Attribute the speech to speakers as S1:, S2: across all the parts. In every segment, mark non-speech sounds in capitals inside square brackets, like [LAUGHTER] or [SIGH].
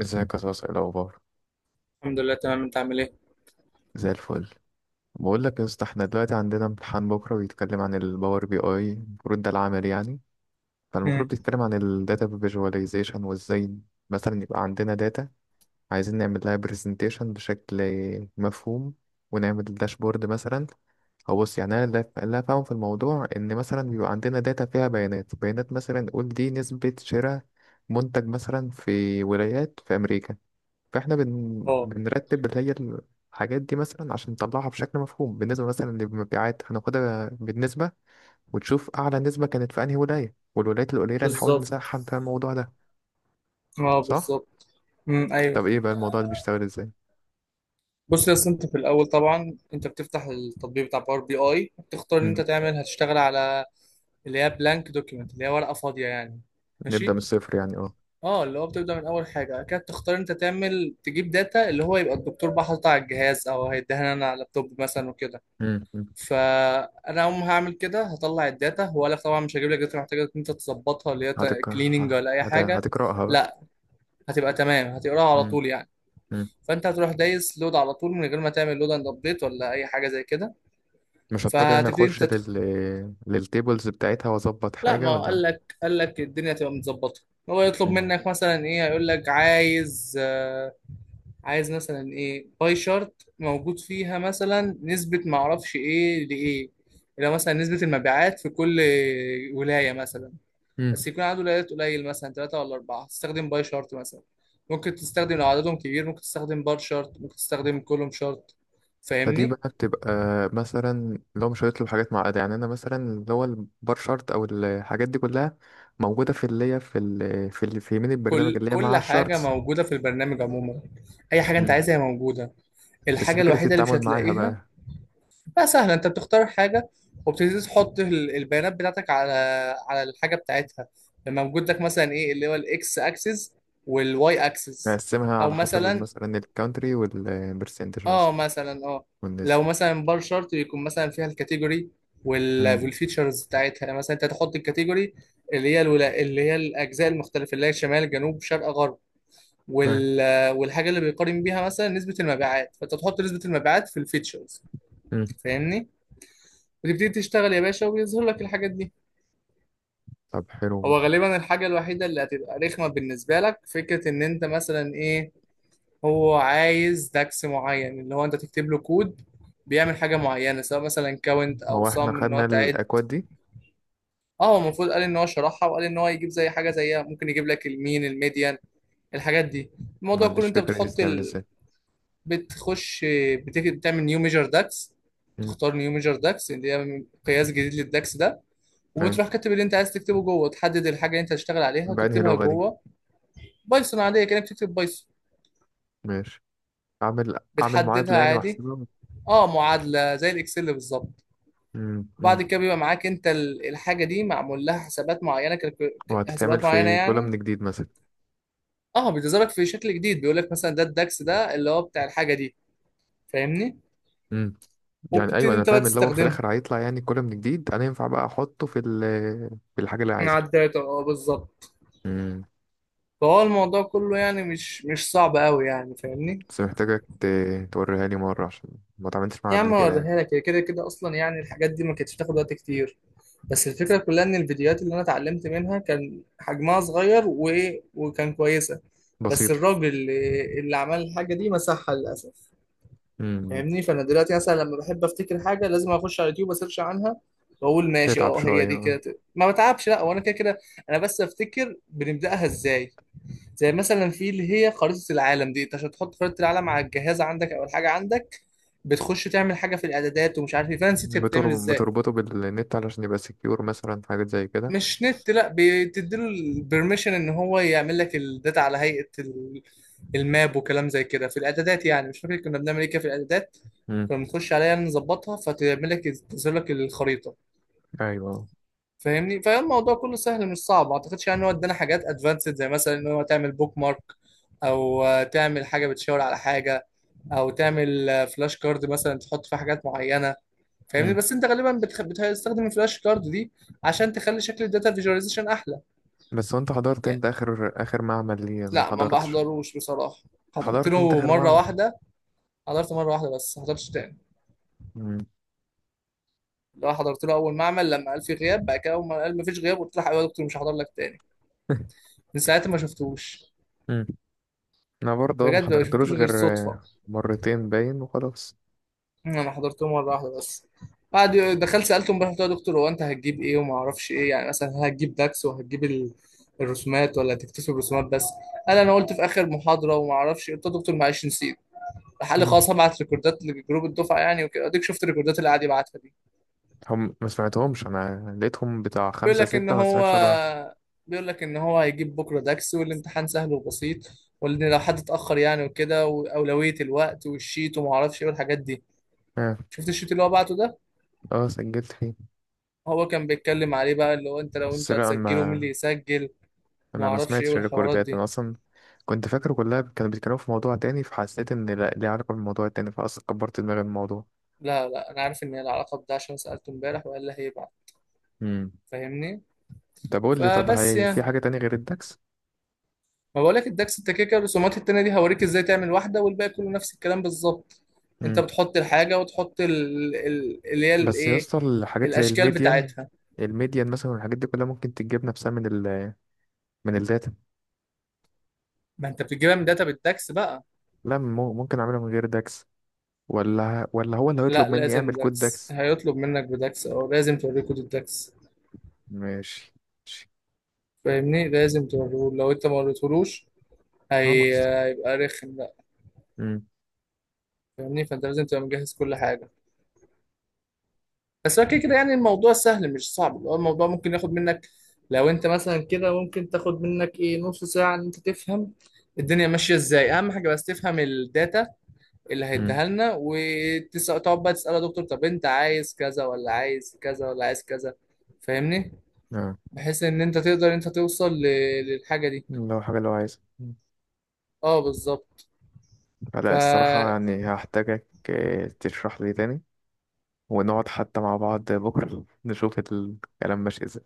S1: ازيك يا صاصة، ايه الاخبار؟
S2: الحمد لله تمام. انت عامل ايه؟
S1: زي الفل. بقول لك يا اسطى احنا دلوقتي عندنا امتحان بكره بيتكلم عن الباور بي اي، المفروض ده العمل يعني.
S2: مم.
S1: فالمفروض بيتكلم عن الداتا فيجواليزيشن وازاي مثلا يبقى عندنا داتا، عايزين نعمل لها برزنتيشن بشكل مفهوم، ونعمل داشبورد مثلا. او بص، يعني انا اللي فاهم في الموضوع ان مثلا بيبقى عندنا داتا فيها بيانات بيانات، مثلا نقول دي نسبة شراء منتج مثلا في ولايات في امريكا. فاحنا
S2: اه
S1: بنرتب اللي هي الحاجات دي، مثلا عشان نطلعها بشكل مفهوم بالنسبة مثلا للمبيعات، هناخدها بالنسبة وتشوف أعلى نسبة كانت في أنهي ولاية، والولايات القليلة نحاول
S2: بالظبط.
S1: نسحب فيها الموضوع ده.
S2: اه
S1: صح؟
S2: بالظبط. مم. ايوه.
S1: طب إيه بقى الموضوع ده بيشتغل إزاي؟
S2: بص يا أصل انت في الاول طبعا انت بتفتح التطبيق بتاع باور بي اي، بتختار ان
S1: مم.
S2: انت تعمل هتشتغل على اللي هي بلانك دوكيمنت، اللي هي ورقه فاضيه يعني.
S1: نبدأ من
S2: ماشي.
S1: الصفر يعني أه.
S2: اه اللي هو بتبدا من اول حاجه، بعد كده تختار انت تعمل تجيب داتا اللي هو يبقى الدكتور بقى حاططها على الجهاز او هيديها لنا انا على اللابتوب مثلا وكده.
S1: مم. مم.
S2: فانا اول ما هعمل كده هطلع الداتا، وقال لك طبعا مش هجيب لك داتا محتاجه ان انت تظبطها اللي هي كليننج ولا اي حاجه.
S1: هتقرأها بقى.
S2: لا هتبقى تمام، هتقراها على
S1: مم.
S2: طول يعني.
S1: مم.
S2: فانت هتروح دايس لود على طول من غير ما تعمل لود اند ابديت ولا اي حاجه زي كده.
S1: مش هضطر يعني
S2: فهتبتدي
S1: أخش
S2: انت تدخل.
S1: للتيبلز بتاعتها وأظبط
S2: لا ما
S1: حاجة
S2: هو
S1: ولا؟
S2: قال لك، الدنيا تبقى متظبطه. هو يطلب
S1: مم.
S2: منك مثلا ايه، هيقول لك عايز عايز مثلا ايه باي شارت موجود فيها مثلا نسبه، ما اعرفش ايه لايه. لو مثلا نسبه المبيعات في كل ولايه مثلا،
S1: مم.
S2: بس يكون عدد الولايات قليل مثلا ثلاثة ولا أربعة، تستخدم باي شارت مثلا. ممكن تستخدم لو عددهم كبير ممكن تستخدم بار شارت، ممكن تستخدم كولوم شارت.
S1: فدي
S2: فاهمني؟
S1: بقى بتبقى مثلا لو مش هيطلب حاجات معقدة، يعني أنا مثلا اللي هو البار شارت أو الحاجات دي كلها موجودة في اللي هي في يمين البرنامج،
S2: كل
S1: اللي هي مع
S2: كل حاجة
S1: الشارتس.
S2: موجودة في البرنامج عموما، أي حاجة أنت
S1: مم.
S2: عايزها هي موجودة.
S1: بس
S2: الحاجة
S1: فكرة
S2: الوحيدة اللي مش
S1: التعامل معاها
S2: هتلاقيها
S1: بقى،
S2: بقى سهلة. أنت بتختار حاجة وبتبتدي تحط البيانات بتاعتك على على الحاجة بتاعتها، لما موجود لك مثلا إيه اللي هو الإكس أكسس والواي أكسس.
S1: نقسمها
S2: أو
S1: على حسب
S2: مثلا،
S1: مثلا الكونتري والبرسنتج
S2: اه
S1: مثلا،
S2: مثلا اه،
S1: والنسبة.
S2: لو مثلا بار شارت يكون مثلا فيها الكاتيجوري
S1: امم.
S2: والفيتشرز بتاعتها، يعني مثلا انت تحط الكاتيجوري اللي هي اللي هي الاجزاء المختلفه، اللي هي شمال جنوب شرق غرب
S1: تمام.
S2: وال... والحاجه اللي بيقارن بيها مثلا نسبه المبيعات، فانت تحط نسبه المبيعات في الفيتشرز.
S1: امم.
S2: فاهمني؟ وتبتدي تشتغل يا باشا وبيظهر لك الحاجات دي.
S1: طب حلو.
S2: هو غالبا الحاجه الوحيده اللي هتبقى رخمه بالنسبه لك فكره ان انت مثلا ايه، هو عايز داكس معين اللي هو انت تكتب له كود بيعمل حاجه معينه سواء مثلا كاونت او
S1: هو احنا
S2: صم، ان هو
S1: خدنا
S2: تعد.
S1: الأكواد دي؟
S2: اه هو المفروض قال ان هو شرحها، وقال ان هو يجيب زي حاجه زيها، ممكن يجيب لك المين الميديان الحاجات دي.
S1: ما
S2: الموضوع كله
S1: عنديش
S2: انت
S1: فكرة دي
S2: بتحط
S1: بتتعمل ازاي.
S2: بتخش، بتعمل نيو ميجر داكس.
S1: أمم.
S2: تختار نيو ميجر داكس، اللي هي قياس جديد للداكس ده،
S1: أيوة.
S2: وبتروح كاتب اللي انت عايز تكتبه جوه، تحدد الحاجه اللي انت هتشتغل عليها
S1: بأنهي
S2: وتكتبها
S1: لغة دي؟
S2: جوه. بايثون عاديه، كانك بتكتب بايثون.
S1: ماشي. أعمل
S2: بتحددها
S1: معادلة يعني
S2: عادي.
S1: وأحسبها.
S2: اه معادله زي الاكسل بالظبط.
S1: مم.
S2: وبعد
S1: مم.
S2: كده بيبقى معاك انت الحاجه دي معمول لها حسابات معينه،
S1: وهتتعمل
S2: حسابات معينه
S1: في كولا من
S2: يعني.
S1: جديد مثلا؟
S2: اه بتظهرك في شكل جديد، بيقول لك مثلا ده الداكس، ده اللي هو بتاع الحاجه دي. فاهمني؟
S1: امم. يعني
S2: وبتبتدي
S1: ايوه انا
S2: انت بقى
S1: فاهم، اللي هو في
S2: تستخدمها
S1: الاخر هيطلع يعني كولا من جديد، انا ينفع بقى احطه في ال في الحاجه اللي
S2: مع
S1: عايزها.
S2: الداتا. اه بالظبط.
S1: امم.
S2: فهو الموضوع كله يعني مش صعب قوي يعني. فاهمني؟
S1: بس محتاجك توريها لي مره، عشان ما اتعاملتش معاها
S2: يا
S1: قبل
S2: عم
S1: كده يعني.
S2: اوريها لك، هي كده كده اصلا يعني الحاجات دي ما كانتش بتاخد وقت كتير. بس الفكره كلها ان الفيديوهات اللي انا اتعلمت منها كان حجمها صغير وايه، وكان كويسه. بس
S1: بسيطه.
S2: الراجل اللي عمل الحاجه دي مسحها للاسف.
S1: امم.
S2: فاهمني؟ فانا دلوقتي مثلا لما بحب افتكر حاجه لازم اخش على اليوتيوب اسيرش عنها. واقول ماشي
S1: تتعب
S2: اه هي
S1: شويه
S2: دي
S1: آه.
S2: كده، ما بتعبش، لا وانا كده كده. انا بس افتكر بنبداها ازاي، زي مثلا في اللي هي خريطه العالم دي. انت عشان تحط خريطه العالم على الجهاز عندك او الحاجه عندك، بتخش تعمل حاجه في الاعدادات ومش عارف ايه، فانا نسيت هي بتعمل ازاي.
S1: بتربطه بالنت علشان يبقى سكيور مثلا، حاجات زي كده.
S2: مش نت لا، بتديله البرميشن ان هو يعمل لك الداتا على هيئة الماب وكلام زي كده في الاعدادات، يعني مش فاكر كنا بنعمل ايه كده في الاعدادات.
S1: امم.
S2: كنا بنخش عليها يعني نظبطها فتعمل لك، تظهر لك الخريطة.
S1: ايوه.
S2: فاهمني؟ فالموضوع كله سهل مش صعب. ما اعتقدش يعني ان هو ادانا حاجات ادفانسد، زي مثلا ان هو تعمل بوك مارك، او تعمل حاجة بتشاور على حاجة، او تعمل فلاش كارد مثلا تحط فيها حاجات معينة. فاهمني؟
S1: امم.
S2: بس انت غالبا بتستخدم الفلاش كارد دي عشان تخلي شكل الداتا فيجواليزيشن احلى يعني.
S1: بس وانت حضرت، انت اخر اخر معمل ليه؟ أنا ما
S2: لا ما
S1: حضرتش.
S2: بحضروش بصراحة، حضرت
S1: حضرت انت
S2: له
S1: اخر
S2: مرة
S1: معمل.
S2: واحدة. حضرت مرة واحدة بس، ما حضرتش تاني. لو حضرت له أول معمل لما قال في غياب، بعد كده أول ما قال مفيش غياب قلت له حبيبي يا دكتور مش هحضر لك تاني. من ساعتها ما شفتوش.
S1: امم. [LAUGHS] انا برضه ما
S2: بجد ما شفتوش
S1: حضرتلوش
S2: غير
S1: غير
S2: صدفة.
S1: مرتين باين وخلاص.
S2: أنا حضرت له مرة واحدة بس. بعد دخلت سألته امبارح قلت له يا دكتور هو أنت هتجيب إيه وما أعرفش إيه، يعني مثلا هل هتجيب داكس وهتجيب الرسومات ولا هتكتسب الرسومات بس. قال أنا قلت في آخر محاضرة وما أعرفش إيه. قلت له يا دكتور معلش نسيت. راح قال لي
S1: مم.
S2: خلاص هبعت ريكوردات لجروب الدفعة يعني وكده، أديك شفت الريكوردات اللي قاعد يبعتها دي.
S1: هم ما سمعتهمش، انا لقيتهم بتاع
S2: بيقول
S1: خمسة
S2: لك ان
S1: ستة، ما
S2: هو،
S1: سمعتش ولا واحد.
S2: بيقول لك ان هو هيجيب بكره داكس والامتحان سهل وبسيط، وان لو حد اتاخر يعني وكده، واولويه الوقت والشيت وما اعرفش ايه والحاجات دي.
S1: اه.
S2: شفت الشيت اللي هو بعته ده،
S1: اه سجلت فيه.
S2: هو كان بيتكلم عليه بقى اللي هو انت لو
S1: بس
S2: انتوا
S1: لا انا
S2: هتسجلوا مين اللي
S1: ما
S2: يسجل. ما
S1: انا ما
S2: اعرفش ايه
S1: سمعتش
S2: والحوارات
S1: الريكوردات
S2: دي.
S1: انا اصلا. كنت فاكر كلها كانوا بيتكلموا في موضوع تاني، فحسيت ان لا ليه علاقة بالموضوع التاني، فاصلا كبرت دماغي من الموضوع.
S2: لا لا انا عارف ان هي العلاقه بده عشان سالته امبارح وقال لي هيبعت.
S1: امم.
S2: فاهمني؟
S1: طب قول لي، طب
S2: فبس
S1: هي
S2: يعني،
S1: في حاجة تانية غير الدكس؟
S2: ما بقولك الدكس انت كده كده الرسومات التانية دي هوريك ازاي تعمل واحدة والباقي كله نفس الكلام بالظبط. انت
S1: امم.
S2: بتحط الحاجة وتحط اللي هي
S1: بس يا
S2: الايه،
S1: اسطى الحاجات زي
S2: الاشكال
S1: الميديان،
S2: بتاعتها.
S1: الميديان مثلا والحاجات دي كلها ممكن تتجاب نفسها من ال من الداتا.
S2: ما انت بتجيبها من داتا بالدكس بقى.
S1: لا ممكن اعمله من غير داكس، ولا هو اللي
S2: لا
S1: هيطلب مني
S2: لازم
S1: اعمل كود
S2: دكس،
S1: داكس.
S2: هيطلب منك بدكس او لازم توريه كود الدكس.
S1: ماشي. ماشي.
S2: فاهمني؟ لازم توريه، لو انت ما وريتهولوش
S1: خلاص.
S2: هيبقى رخم بقى.
S1: امم.
S2: فاهمني؟ فانت لازم تبقى مجهز كل حاجة. بس هو كده كده يعني الموضوع سهل مش صعب، اللي هو الموضوع ممكن ياخد منك، لو انت مثلا كده ممكن تاخد منك ايه، نص ساعة ان انت تفهم الدنيا ماشية ازاي. اهم حاجة بس تفهم الداتا اللي
S1: امم.
S2: هيديها لنا، وتقعد بقى تسأله يا دكتور طب انت عايز كذا ولا عايز كذا ولا عايز كذا. فاهمني؟
S1: اه.
S2: بحيث ان انت تقدر ان انت توصل للحاجة دي.
S1: لو حاجه لو عايز.
S2: اه بالظبط. ف،
S1: لا الصراحه يعني هحتاجك تشرح لي تاني، ونقعد حتى مع بعض بكره [LAUGHS] نشوف الكلام ماشي ازاي.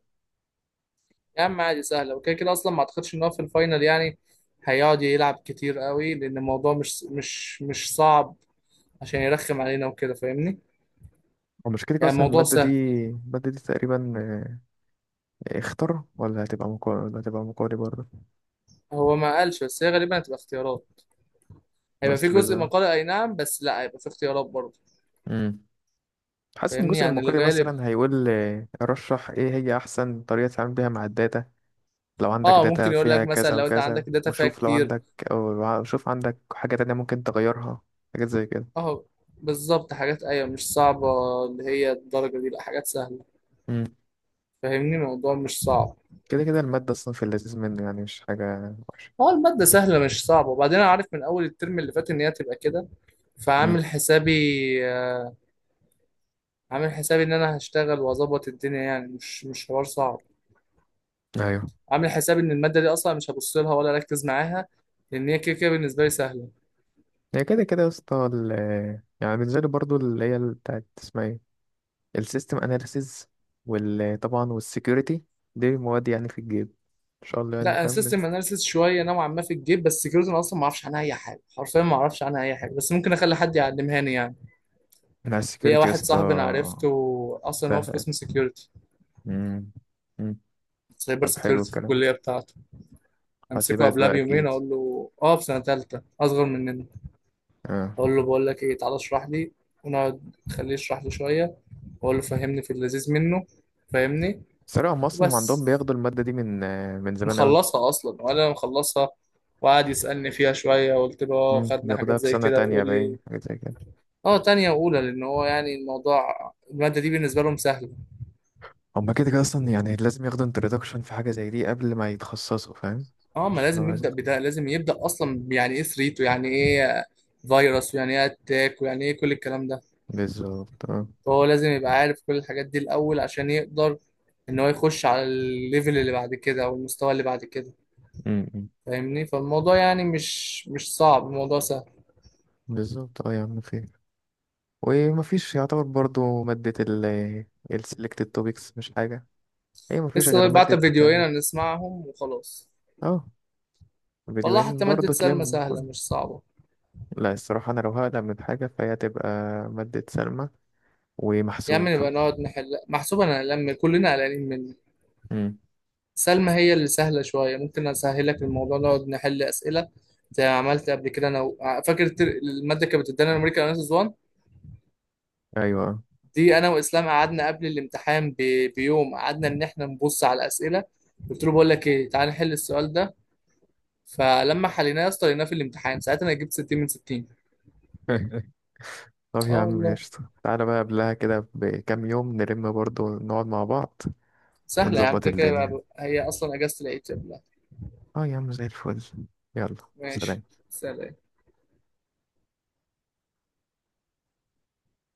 S2: يا عم عادي سهلة وكده كده اصلا. ما اعتقدش ان هو في الفاينل يعني هيقعد يلعب كتير قوي، لان الموضوع مش صعب عشان يرخم علينا وكده. فاهمني؟
S1: ومشكلتك
S2: يعني
S1: اصلا
S2: الموضوع
S1: الماده دي،
S2: سهل.
S1: الماده دي تقريبا اختر ولا هتبقى مقالي، ولا هتبقى مقالي برضه؟
S2: هو ما قالش، بس هي غالبا هتبقى اختيارات. هيبقى في
S1: بس
S2: جزء
S1: بزا
S2: مقالي اي نعم، بس لا هيبقى في اختيارات برضه.
S1: امم. حاسس ان
S2: فاهمني؟
S1: الجزء
S2: يعني
S1: المقالي
S2: الغالب
S1: مثلا هيقول رشح ايه هي احسن طريقه تتعامل بيها مع الداتا، لو عندك
S2: اه
S1: داتا
S2: ممكن يقول
S1: فيها
S2: لك مثلا
S1: كذا
S2: لو انت
S1: وكذا،
S2: عندك الداتا فيها
S1: وشوف لو
S2: كتير.
S1: عندك. أو شوف عندك حاجة تانية ممكن تغيرها، حاجات زي كده.
S2: اه بالظبط حاجات، ايوه مش صعبة، اللي هي الدرجة دي لا حاجات سهلة.
S1: امم.
S2: فاهمني؟ الموضوع مش صعب.
S1: كده كده المادة أصلا في اللذيذ منه، يعني مش حاجة وحشة.
S2: هو المادة سهلة مش صعبة، وبعدين انا عارف من اول الترم اللي فات ان هي هتبقى كده.
S1: امم.
S2: فعامل حسابي، آه، عامل حسابي ان انا هشتغل واظبط الدنيا يعني، مش حوار صعب.
S1: ايوه.
S2: عامل حسابي ان الماده دي اصلا مش هبص لها ولا اركز معاها، لان هي كده كده بالنسبه لي سهله.
S1: هي كده كده يا اسطى يعني بنزل برضو اللي هي بتاعت اسمها ايه، السيستم اناليسيز، وطبعا والسكيورتي، دي مواد يعني في الجيب ان شاء الله، يعني
S2: لا انا
S1: فاهم.
S2: سيستم اناليسيس شويه نوعا ما في الجيب، بس سكيورتي انا اصلا ما اعرفش عنها اي حاجه، حرفيا ما اعرفش عنها اي حاجه، بس ممكن اخلي حد يعلمها لي يعني.
S1: مع
S2: ليا
S1: السكيورتي يا
S2: واحد
S1: اسطى
S2: صاحبي انا عرفته اصلا هو
S1: سهل
S2: في
S1: يعني.
S2: قسم سكيورتي،
S1: امم. امم.
S2: سايبر
S1: طب حلو
S2: سكيورتي في
S1: الكلام.
S2: الكليه بتاعته. امسكه
S1: حاسبات
S2: قبلها
S1: بقى
S2: بيومين
S1: اكيد.
S2: اقول له اه، في سنه ثالثه اصغر مننا،
S1: اه.
S2: اقول له بقول لك ايه تعالى اشرح لي، ونقعد خليه يشرح لي شويه، واقول له فهمني في اللذيذ منه. فاهمني؟
S1: صراحة هم أصلا عندهم
S2: وبس.
S1: بياخدوا المادة دي من زمان أوي.
S2: مخلصها اصلا وانا مخلصها. وقعد يسالني فيها شويه قلت له اه
S1: مم،
S2: خدنا
S1: بياخدوها
S2: حاجات
S1: في
S2: زي
S1: سنة
S2: كده،
S1: تانية
S2: يقول
S1: باين،
S2: لي
S1: حاجة زي كده.
S2: اه تانية واولى، لان هو يعني الموضوع الماده دي بالنسبه لهم سهله.
S1: هما كده كده أصلا يعني لازم ياخدوا introduction في حاجة زي دي قبل ما يتخصصوا، فاهم؟
S2: اه ما
S1: عشان لو
S2: لازم
S1: عايز-
S2: يبدا بده، لازم يبدا اصلا يعني ايه ثريت، ويعني ايه فيروس، ويعني ايه اتاك، ويعني ايه كل الكلام ده.
S1: بالظبط اه.
S2: فهو لازم يبقى عارف كل الحاجات دي الاول، عشان يقدر ان هو يخش على الليفل اللي بعد كده او المستوى اللي بعد كده.
S1: مم، مم.
S2: فاهمني؟ فالموضوع يعني مش صعب، الموضوع سهل.
S1: بالظبط اه يا عم خير. ومفيش يعتبر برضو مادة ال selected topics، مش حاجة. هي مفيش غير
S2: لسه بعت
S1: مادة.
S2: فيديوهين نسمعهم وخلاص.
S1: اه.
S2: والله
S1: فيديوهين
S2: حتى مادة
S1: برضو
S2: سلمى
S1: تلم
S2: سهلة
S1: كل.
S2: مش صعبة.
S1: لا الصراحة أنا لو هقلق من حاجة فهي تبقى مادة سلمى،
S2: يا عم
S1: ومحسوب.
S2: نبقى نقعد نحل محسوب، انا هلم كلنا قلقانين مني.
S1: مم.
S2: سلمى هي اللي سهلة شوية، ممكن اسهلك الموضوع نقعد نحل اسئلة زي ما عملت قبل كده انا و... فاكر المادة كانت بتدينا امريكا وناس زوان
S1: أيوة.
S2: دي، انا واسلام قعدنا قبل الامتحان بيوم، قعدنا ان احنا نبص على الاسئلة، قلت له بقول لك ايه تعال نحل السؤال ده، فلما حليناه يا اسطى لقيناه في الامتحان، ساعتها انا جبت 60 من 60.
S1: [LAUGHS] طب يا
S2: اه
S1: عم
S2: والله
S1: قشطة، تعالى بقى قبلها كده بكام يوم نلم برضو، نقعد مع بعض
S2: سهلة يا عم،
S1: ونظبط
S2: كده كده
S1: الدنيا.
S2: بقى- هي اصلا اجازة العيد يا بلاد.
S1: اه يا عم زي الفل. يلا. سلام.
S2: ماشي. سلام.